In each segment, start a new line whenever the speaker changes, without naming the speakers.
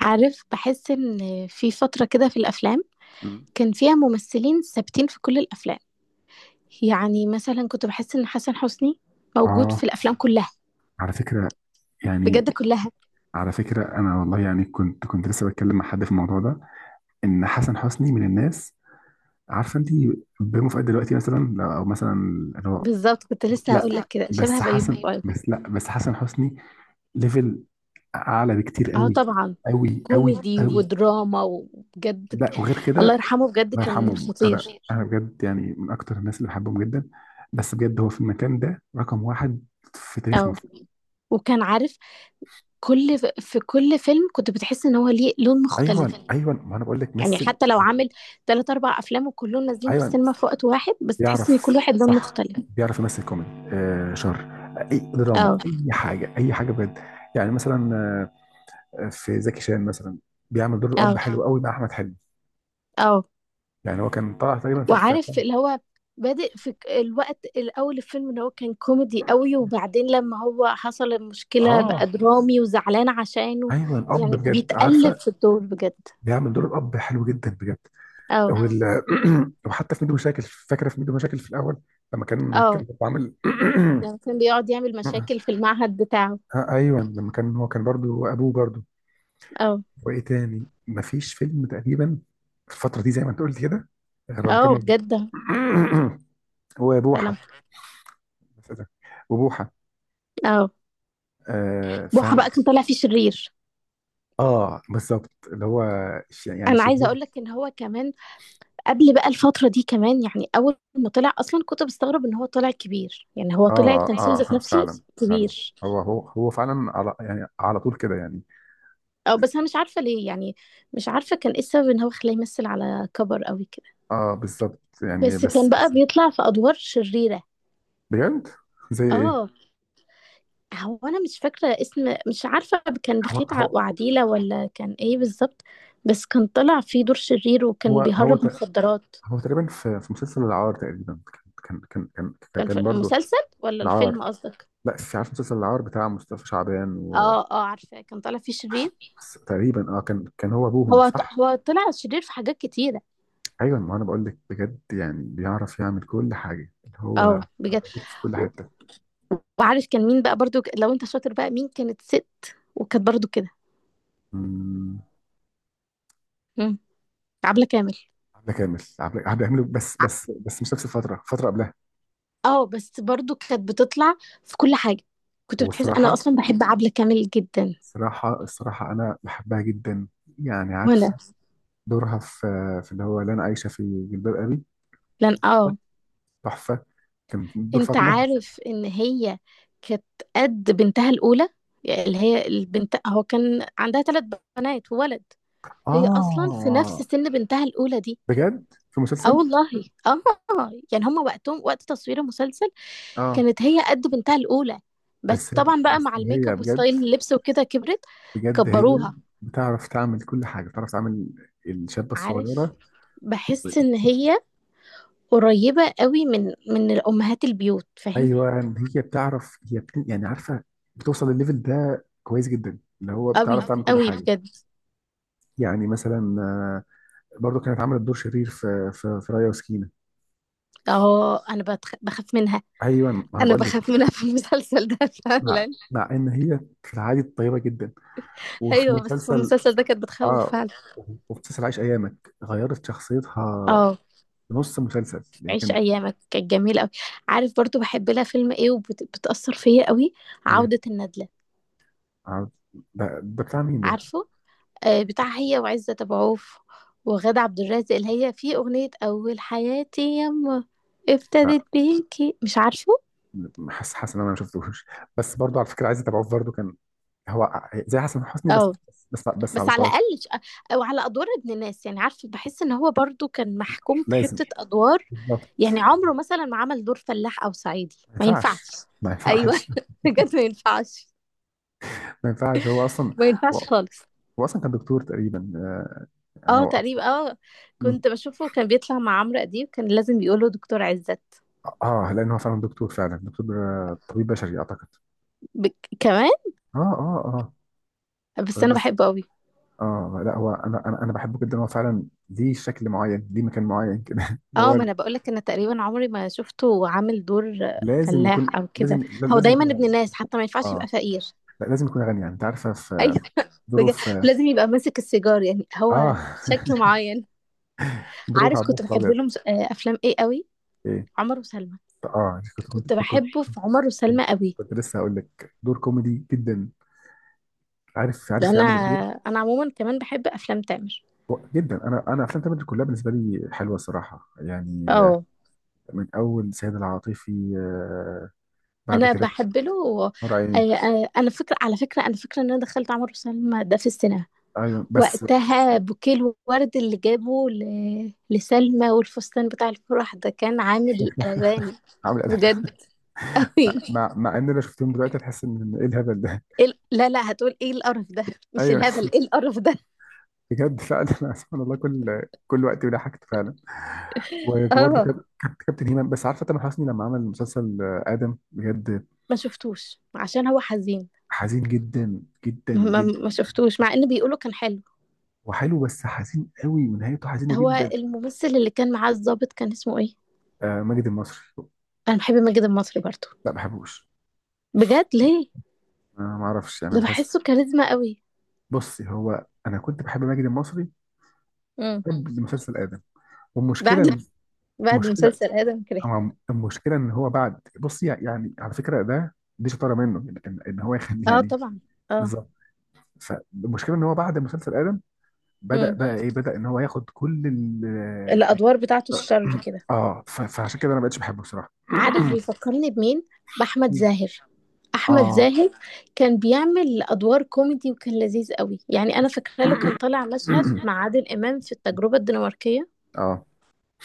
عارف، بحس ان في فترة كده في الافلام
مم.
كان فيها ممثلين ثابتين في كل الافلام. يعني مثلا كنت بحس ان حسن حسني موجود
اه،
في الافلام كلها،
على فكرة يعني،
بجد كلها.
على فكرة أنا والله يعني كنت لسه بتكلم مع حد في الموضوع ده، إن حسن حسني من الناس. عارفة أنت، بيومه في قد دلوقتي مثلا، لا، أو مثلا اللي هو،
بالظبط كنت لسه
لا
هقول لك
كنت
كده شبه
بس
بيومي
حسن،
فؤاد.
بس لا، بس حسن حسني ليفل أعلى بكتير
اه
أوي
طبعا،
أوي أوي
كوميدي
أوي.
ودراما وبجد
لا وغير كده
الله
الله،
يرحمه، بجد
بجد
كان
يرحمه. أنا
خطير.
أنا بجد يعني من أكتر الناس اللي بحبهم جدا، بس بجد هو في المكان ده رقم واحد في تاريخ
اه
مصر.
وكان عارف في كل فيلم كنت بتحس ان هو ليه لون مختلف.
أيوه أيوه، ما أنا بقول لك
يعني
مثل.
حتى لو عامل تلات أربع أفلام وكلهم نازلين في
ايوه،
السينما في وقت واحد، بس تحس إن كل
بيعرف
واحد لون
صح،
مختلف.
بيعرف يمثل كوميدي، شر، اي دراما،
اه
اي حاجه اي حاجه بجد. يعني مثلا في زكي شان مثلا بيعمل دور الاب
اه
حلو، اه قوي، مع احمد حلمي.
اه
يعني هو كان طالع تقريبا كده.
وعارف اللي هو بادئ في الوقت الأول، الفيلم اللي هو كان كوميدي قوي وبعدين لما هو حصل المشكلة بقى
اه
درامي وزعلان عشانه.
ايوه الاب
يعني
بجد
بيتقلب
عارفه،
في الدور بجد.
بيعمل دور الاب حلو جدا بجد. اه
اه
وال... وحتى في ميدو مشاكل، فاكره في ميدو مشاكل في الاول، لما كان
اه
برضه عامل
لما كان بيقعد يعمل مشاكل في المعهد بتاعه.
آه ايوه، لما كان هو كان برضه ابوه برضه.
اه
وايه تاني؟ مفيش فيلم تقريبا في الفتره دي زي ما انت قلت كده، غير لما
اه
كمل.
بجد.
هو
سلام.
بوحه، بس إيه ده، وبوحه.
اه،
آه
بوحة
فاهم.
بقى كان طالع فيه شرير.
اه بالظبط، اللي هو يعني
انا عايزه
شرير.
اقول لك ان هو كمان قبل بقى الفترة دي كمان، يعني أول ما طلع أصلا كنت بستغرب إن هو طلع كبير، يعني هو طلع
اه
التمثيل
اه،
ذات نفسه
فعلا، فعلا.
كبير.
هو هو هو فعلا على يعني على طول كده يعني.
أو بس أنا مش عارفة ليه، يعني مش عارفة كان إيه السبب إن هو خلاه يمثل على كبر أوي كده.
اه بالظبط يعني،
بس كان بقى بيطلع في أدوار شريرة.
بجد زي ايه؟
آه، هو أنا مش فاكرة اسم، مش عارفة كان
هو
بخيت
هو
وعديلة ولا كان إيه بالظبط. بس كان طلع في دور شرير
هو
وكان
هو,
بيهرب
ت-
مخدرات.
هو تقريبا في مسلسل العار تقريبا كان كان كان كان
كان في
كان برضه.
المسلسل ولا
العار،
الفيلم قصدك؟
لا مش عارف، مسلسل العار بتاع مصطفى شعبان.
آه آه، عارفة كان طالع فيه شرير.
وتقريبا اه، كان هو ابوهم
هو
صح.
هو طلع شرير في حاجات كتيرة.
ايوه ما انا بقول لك بجد، يعني بيعرف يعمل كل حاجه، اللي هو
اه بجد.
موجود في كل
و-
حته.
وعارف كان مين بقى برضو لو انت شاطر بقى مين كانت ست وكانت برضو كده.
أمم،
مم. عبلة كامل.
عبله كامل، عبله، عبله كامل، بس
ع-
بس بس مش نفس الفتره، فتره قبلها.
اه بس برضو كانت بتطلع في كل حاجة. كنت بتحس انا
والصراحه،
اصلا بحب عبلة كامل جدا.
الصراحه انا بحبها جدا. يعني
وانا
عارفه، دورها في اللي هو، اللي انا عايشه في جلباب ابي،
لان اه،
تحفه. كان دور
انت
فاطمه.
عارف ان هي كانت قد بنتها الاولى، يعني اللي هي البنت. هو كان عندها ثلاث بنات وولد. هي اصلا في
اه
نفس سن بنتها الاولى دي.
بجد، في
اه
مسلسل.
والله. اه يعني هما وقتهم وقت تصوير المسلسل
اه،
كانت هي قد بنتها الاولى، بس
بس
طبعا بقى
بس
مع الميك
هي
اب
بجد،
وستايل اللبس وكده كبرت،
بجد هي
كبروها.
بتعرف تعمل كل حاجه، بتعرف تعمل الشابه
عارف،
الصغيره.
بحس ان هي قريبة قوي من الامهات البيوت فاهم؟
ايوه، يعني هي بتعرف، يعني عارفه، بتوصل للليفل ده كويس جدا، اللي هو
قوي
بتعرف تعمل كل
قوي
حاجه.
بجد.
يعني مثلا برضو كانت عملت دور شرير في رايا وسكينه.
اه انا بخاف منها.
ايوه ما انا
انا
بقول
بخاف
لك،
منها في المسلسل ده
مع
فعلا.
مع ان هي في العادي طيبه جدا. وفي
ايوه، بس في
مسلسل،
المسلسل ده كانت بتخوف
اه
فعلا.
وفي مسلسل عايش ايامك غيرت شخصيتها،
اه،
نص مسلسل هي
عيش
كانت.
ايامك كانت جميله قوي. عارف برضو بحب لها فيلم ايه وبتاثر فيا قوي؟
ايه؟
عوده الندله.
عارف- ده ده بتاع مين ده؟
عارفه؟ آه بتاع هي وعزت ابو عوف وغادة عبد الرازق، اللي هي في اغنيه اول حياتي يما ابتدت بيكي، مش عارفه.
حاسس حاسس ان انا ما شفتوش، بس برضو على فكره عايز اتابعه برضو. كان هو زي حسن حسني، بس
اه
بس بس
بس
على
على
صغير.
الاقل او على ادوار ابن الناس، يعني عارفه بحس ان هو برضو كان محكوم في
لازم،
حته ادوار.
بالظبط.
يعني عمره مثلا ما عمل دور فلاح او صعيدي،
ما
ما
ينفعش،
ينفعش.
ما
ايوه
ينفعش.
بجد ما ينفعش.
ما ينفعش هو اصلا.
ما ينفعش
هو,
خالص.
هو اصلا كان دكتور تقريبا، يعني
اه
هو اصلا.
تقريبا، اه
مم.
كنت بشوفه كان بيطلع مع عمرو اديب، كان لازم يقوله دكتور عزت.
اه لان هو فعلا دكتور، فعلا دكتور، طبيب بشري اعتقد.
ب... كمان.
اه اه اه،
بس
طبيب
انا
بشري.
بحبه قوي.
اه لا هو، انا انا انا بحبه جدا هو فعلا، ليه شكل معين، ليه مكان معين كده اللي
اه،
هو
ما انا بقول لك، انا تقريبا عمري ما شفته عامل دور
لازم يكون،
فلاح او
لازم
كده. هو
لازم
دايما
يكون
ابن
غني.
الناس، حتى ما ينفعش
اه
يبقى فقير
لا، لازم يكون غني. يعني انت عارفه، في
ايوه
دوره
بجد،
في،
ولازم يبقى ماسك السيجار، يعني هو
اه
شكله معين.
ظروف
عارف كنت
عباس
بحب
الابيض.
لهم آه، افلام ايه قوي؟
ايه،
عمر وسلمى.
اه
كنت بحبه في عمر وسلمى قوي.
كنت لسه هقول لك دور كوميدي جدا، عارف
ده
عارف
انا
يعمل الدور.
انا عموما كمان بحب افلام تامر.
و- جدا، انا انا افلام تامر كلها بالنسبه لي حلوه الصراحه يعني،
اه
من اول سيد العاطفي، بعد
انا
كده
بحب له.
نور عيني.
انا فكره، على فكره انا فكره ان انا دخلت عمر وسلمى ده في السينما
ايوه بس
وقتها. بوكيه الورد اللي جابه لسلمى والفستان بتاع الفرح ده كان عامل قلبان
عامل
بجد، قوي.
مع مع ان انا شفتهم دلوقتي تحس ان ايه الهبل ده؟
لا لا، هتقول ايه القرف ده. مش
ايوه
الهبل، ايه القرف ده.
بجد فعلا سبحان الله، كل كل وقت ضحكت فعلا.
اه،
وبرده كابتن هيمان. بس عارفه تامر حسني لما عمل مسلسل ادم؟ بجد
ما شفتوش عشان هو حزين.
حزين جدا جدا جدا،
ما شفتوش مع ان بيقولوا كان حلو.
وحلو، بس حزين قوي ونهايته حزينه
هو
جدا.
الممثل اللي كان معاه الضابط كان اسمه ايه؟
آه ماجد المصري.
انا بحب ماجد المصري برضه.
لا ما بحبوش.
بجد ليه؟
آه ما اعرفش، انا
ده
بحس.
بحسه كاريزما قوي.
بصي، هو انا كنت بحب ماجد المصري قبل مسلسل ادم،
بعد
والمشكله
بعد
المشكله
مسلسل آدم كرهته.
المشكله ان هو بعد، بصي يعني على فكره ده، دي شطاره منه، إن هو ياخد
اه
يعني.
طبعا، اه.
بالظبط. فالمشكله ان هو بعد مسلسل ادم بدا
امم،
بقى ايه، بدا ان هو ياخد كل ال،
الأدوار بتاعته الشر كده.
اه، فعشان كده انا ما بقتش بحبه بصراحه.
عارف بيفكرني بمين؟ بأحمد زاهر. أحمد
اه.
زاهر كان بيعمل أدوار كوميدي وكان لذيذ قوي. يعني أنا فاكرة له كان طالع مشهد مع عادل إمام في التجربة الدنماركية،
اه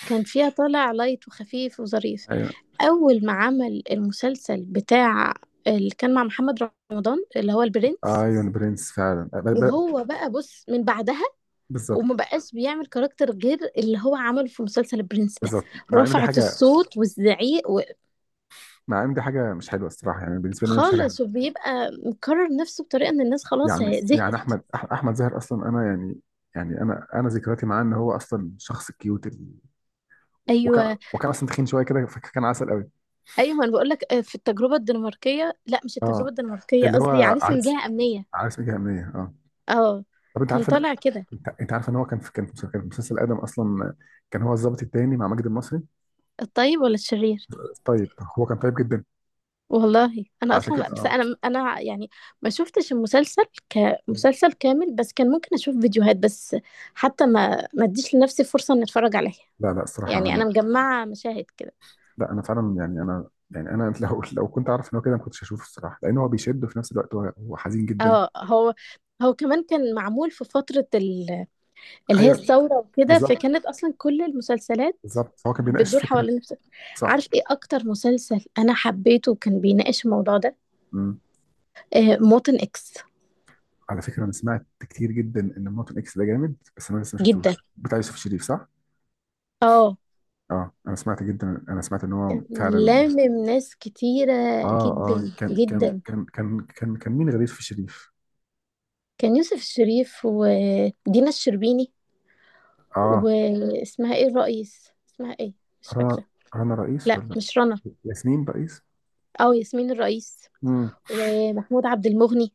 كان فيها طالع لايت وخفيف وظريف.
ايوه،
أول ما عمل المسلسل بتاع اللي كان مع محمد رمضان، اللي هو البرنس،
ايون برنس فعلا،
وهو بقى بص من بعدها
بالظبط،
وما بقاش بيعمل كاركتر غير اللي هو عمله في مسلسل البرنس ده.
بالظبط. مع ان دي
رفعت
حاجه،
الصوت والزعيق
مع ان دي حاجه مش حلوه الصراحه، يعني بالنسبه لي أنا مش حاجه
خالص،
حلوة.
وبيبقى مكرر نفسه بطريقه ان الناس خلاص
يعني يعني
زهقت.
احمد، احمد زاهر اصلا، انا يعني، يعني انا انا ذكرياتي معاه ان هو اصلا شخص كيوت، وكان
ايوه
وكان اصلا تخين شويه كده، فكان عسل قوي.
ايوه، ما انا بقول لك آه، في التجربه الدنماركيه، لا مش التجربه
اه،
الدنماركيه،
اللي هو
قصدي عريس من
عارف،
جهه امنيه.
عارف ايه، جهنمية، اه.
اه
طب انت
كان
عارف ان،
طالع كده.
انت انت عارف ان هو كان في، كان في، كان في مسلسل ادم اصلا، كان هو الضابط التاني مع ماجد المصري.
الطيب ولا الشرير؟
طيب، هو كان طيب جدا.
والله انا
عشان
اصلا،
كده
بس
اه.
انا انا يعني ما شفتش المسلسل كمسلسل كامل، بس كان ممكن اشوف فيديوهات بس. حتى ما اديش لنفسي فرصه ان اتفرج عليه.
لا لا الصراحه
يعني انا
انا،
مجمعه مشاهد كده.
لا انا فعلا يعني انا، يعني انا لو لو كنت اعرف ان هو كده ما كنتش هشوفه الصراحه، لان هو بيشد، وفي نفس الوقت هو هو حزين جدا.
اه، هو هو كمان كان معمول في فتره اللي هي
ايوه
الثوره وكده،
بالظبط،
فكانت اصلا كل المسلسلات
بالظبط. هو كان بيناقش
بتدور
فكره
حوالين نفس.
صح.
عارف ايه اكتر مسلسل انا حبيته وكان بيناقش الموضوع ده؟
امم.
آه، موطن اكس.
على فكره انا سمعت كتير جدا ان مارتن اكس ده جامد، بس انا لسه ما
جدا.
شفتوش، بتاع يوسف شريف صح؟
اه
اه انا سمعت جدا، انا سمعت ان هو
كان
فعلا.
لامم ناس كتيره
اه اه،
جدا
كان كان
جدا.
كان كان كان كان مين غير يوسف شريف؟
كان يوسف الشريف ودينا الشربيني،
اه
واسمها ايه الرئيس اسمها ايه، مش
رنا،
فاكره.
رنا رئيس
لا
ولا
مش رنا،
ياسمين رئيس؟
اه ياسمين الرئيس.
امم.
ومحمود عبد المغني.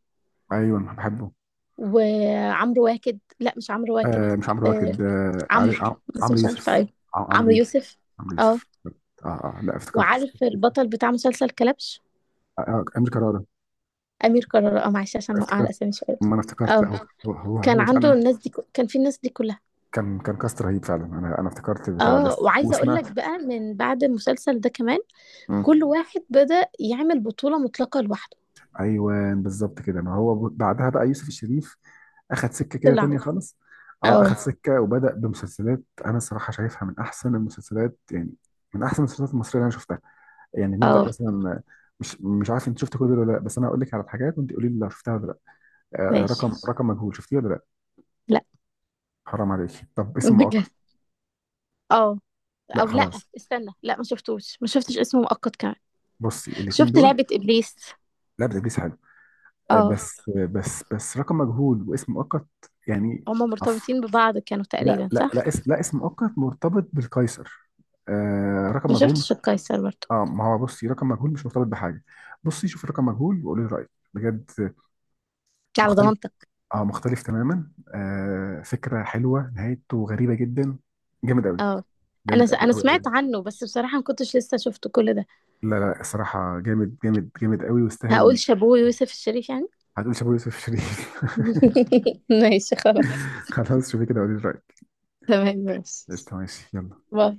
ايوه بحبه.
وعمرو واكد، لا مش عمرو واكد،
آه مش عمرو
آه
واكد،
عمرو، بس
عمرو
مش عارفه
يوسف،
ايه.
عمرو
عمرو
يوسف،
يوسف.
عمرو
اه.
يوسف. اه اه، لا افتكرت.
وعارف البطل بتاع مسلسل كلبش؟
آه امير كرارة.
امير قرار، اه معلش عشان موقع على
افتكرت،
اسامي شويه.
ما انا افتكرت،
اه،
لا هو،
كان
هو
عنده
فعلا
الناس دي كان في الناس دي كلها.
كان، كان كاست رهيب فعلا. انا انا افتكرت البتاع
اه،
بس،
وعايزه اقول
وسمعت.
لك بقى من بعد المسلسل ده كمان، كل
مم.
واحد بدأ يعمل بطوله مطلقه لوحده.
ايوه بالظبط كده، ما هو بعدها بقى يوسف الشريف اخد سكه كده
طلع.
تانية خالص. اه
اه
اخد سكه وبدا بمسلسلات انا الصراحه شايفها من احسن المسلسلات، يعني من احسن المسلسلات المصريه اللي انا شفتها. يعني نبدا
اه
مثلا، مش عارف انت شفت كل دول ولا لا، بس انا هقول لك على الحاجات وانت قولي لي لو شفتها ولا لا. آه، آه،
ماشي.
رقم ماشي، رقم مجهول شفتيه ولا لا؟
لا
حرام عليك، طب اسم
بجد.
مؤقت؟
اه.
لا
او لا.
خلاص.
استنى، لا ما شفتوش، ما شفتش اسمه مؤقت كمان.
بصي الاثنين
شفت
دول.
لعبة إبليس.
لا ده ابليس حلو، آه،
اه.
بس آه، بس بس رقم مجهول واسم مؤقت يعني.
هما
عفو.
مرتبطين ببعض كانوا
لا
تقريبا،
لا لا
صح؟
اسم، لا اسم مؤقت مرتبط بالقيصر. آه رقم
ما
مجهول.
شفتش القيصر برضه.
اه، ما هو بصي، رقم مجهول مش مرتبط بحاجه. بصي شوفي رقم مجهول وقولي لي رايك بجد.
على
مختلف،
ضمانتك.
اه مختلف تماما. آه فكرة حلوة، نهايته غريبة جدا، جامد قوي،
اه، انا
جامد قوي
انا
قوي
سمعت
قوي.
عنه بس بصراحة ما كنتش لسه شفت كل ده.
لا لا الصراحة جامد جامد جامد قوي،
هقول
واستاهل.
شابوه يوسف الشريف يعني.
هتقول شابو يوسف شريف
ماشي خلاص.
خلاص شوفي كده وقولي رأيك.
تمام ماشي.
قشطة، ماشي، يلا.
باي.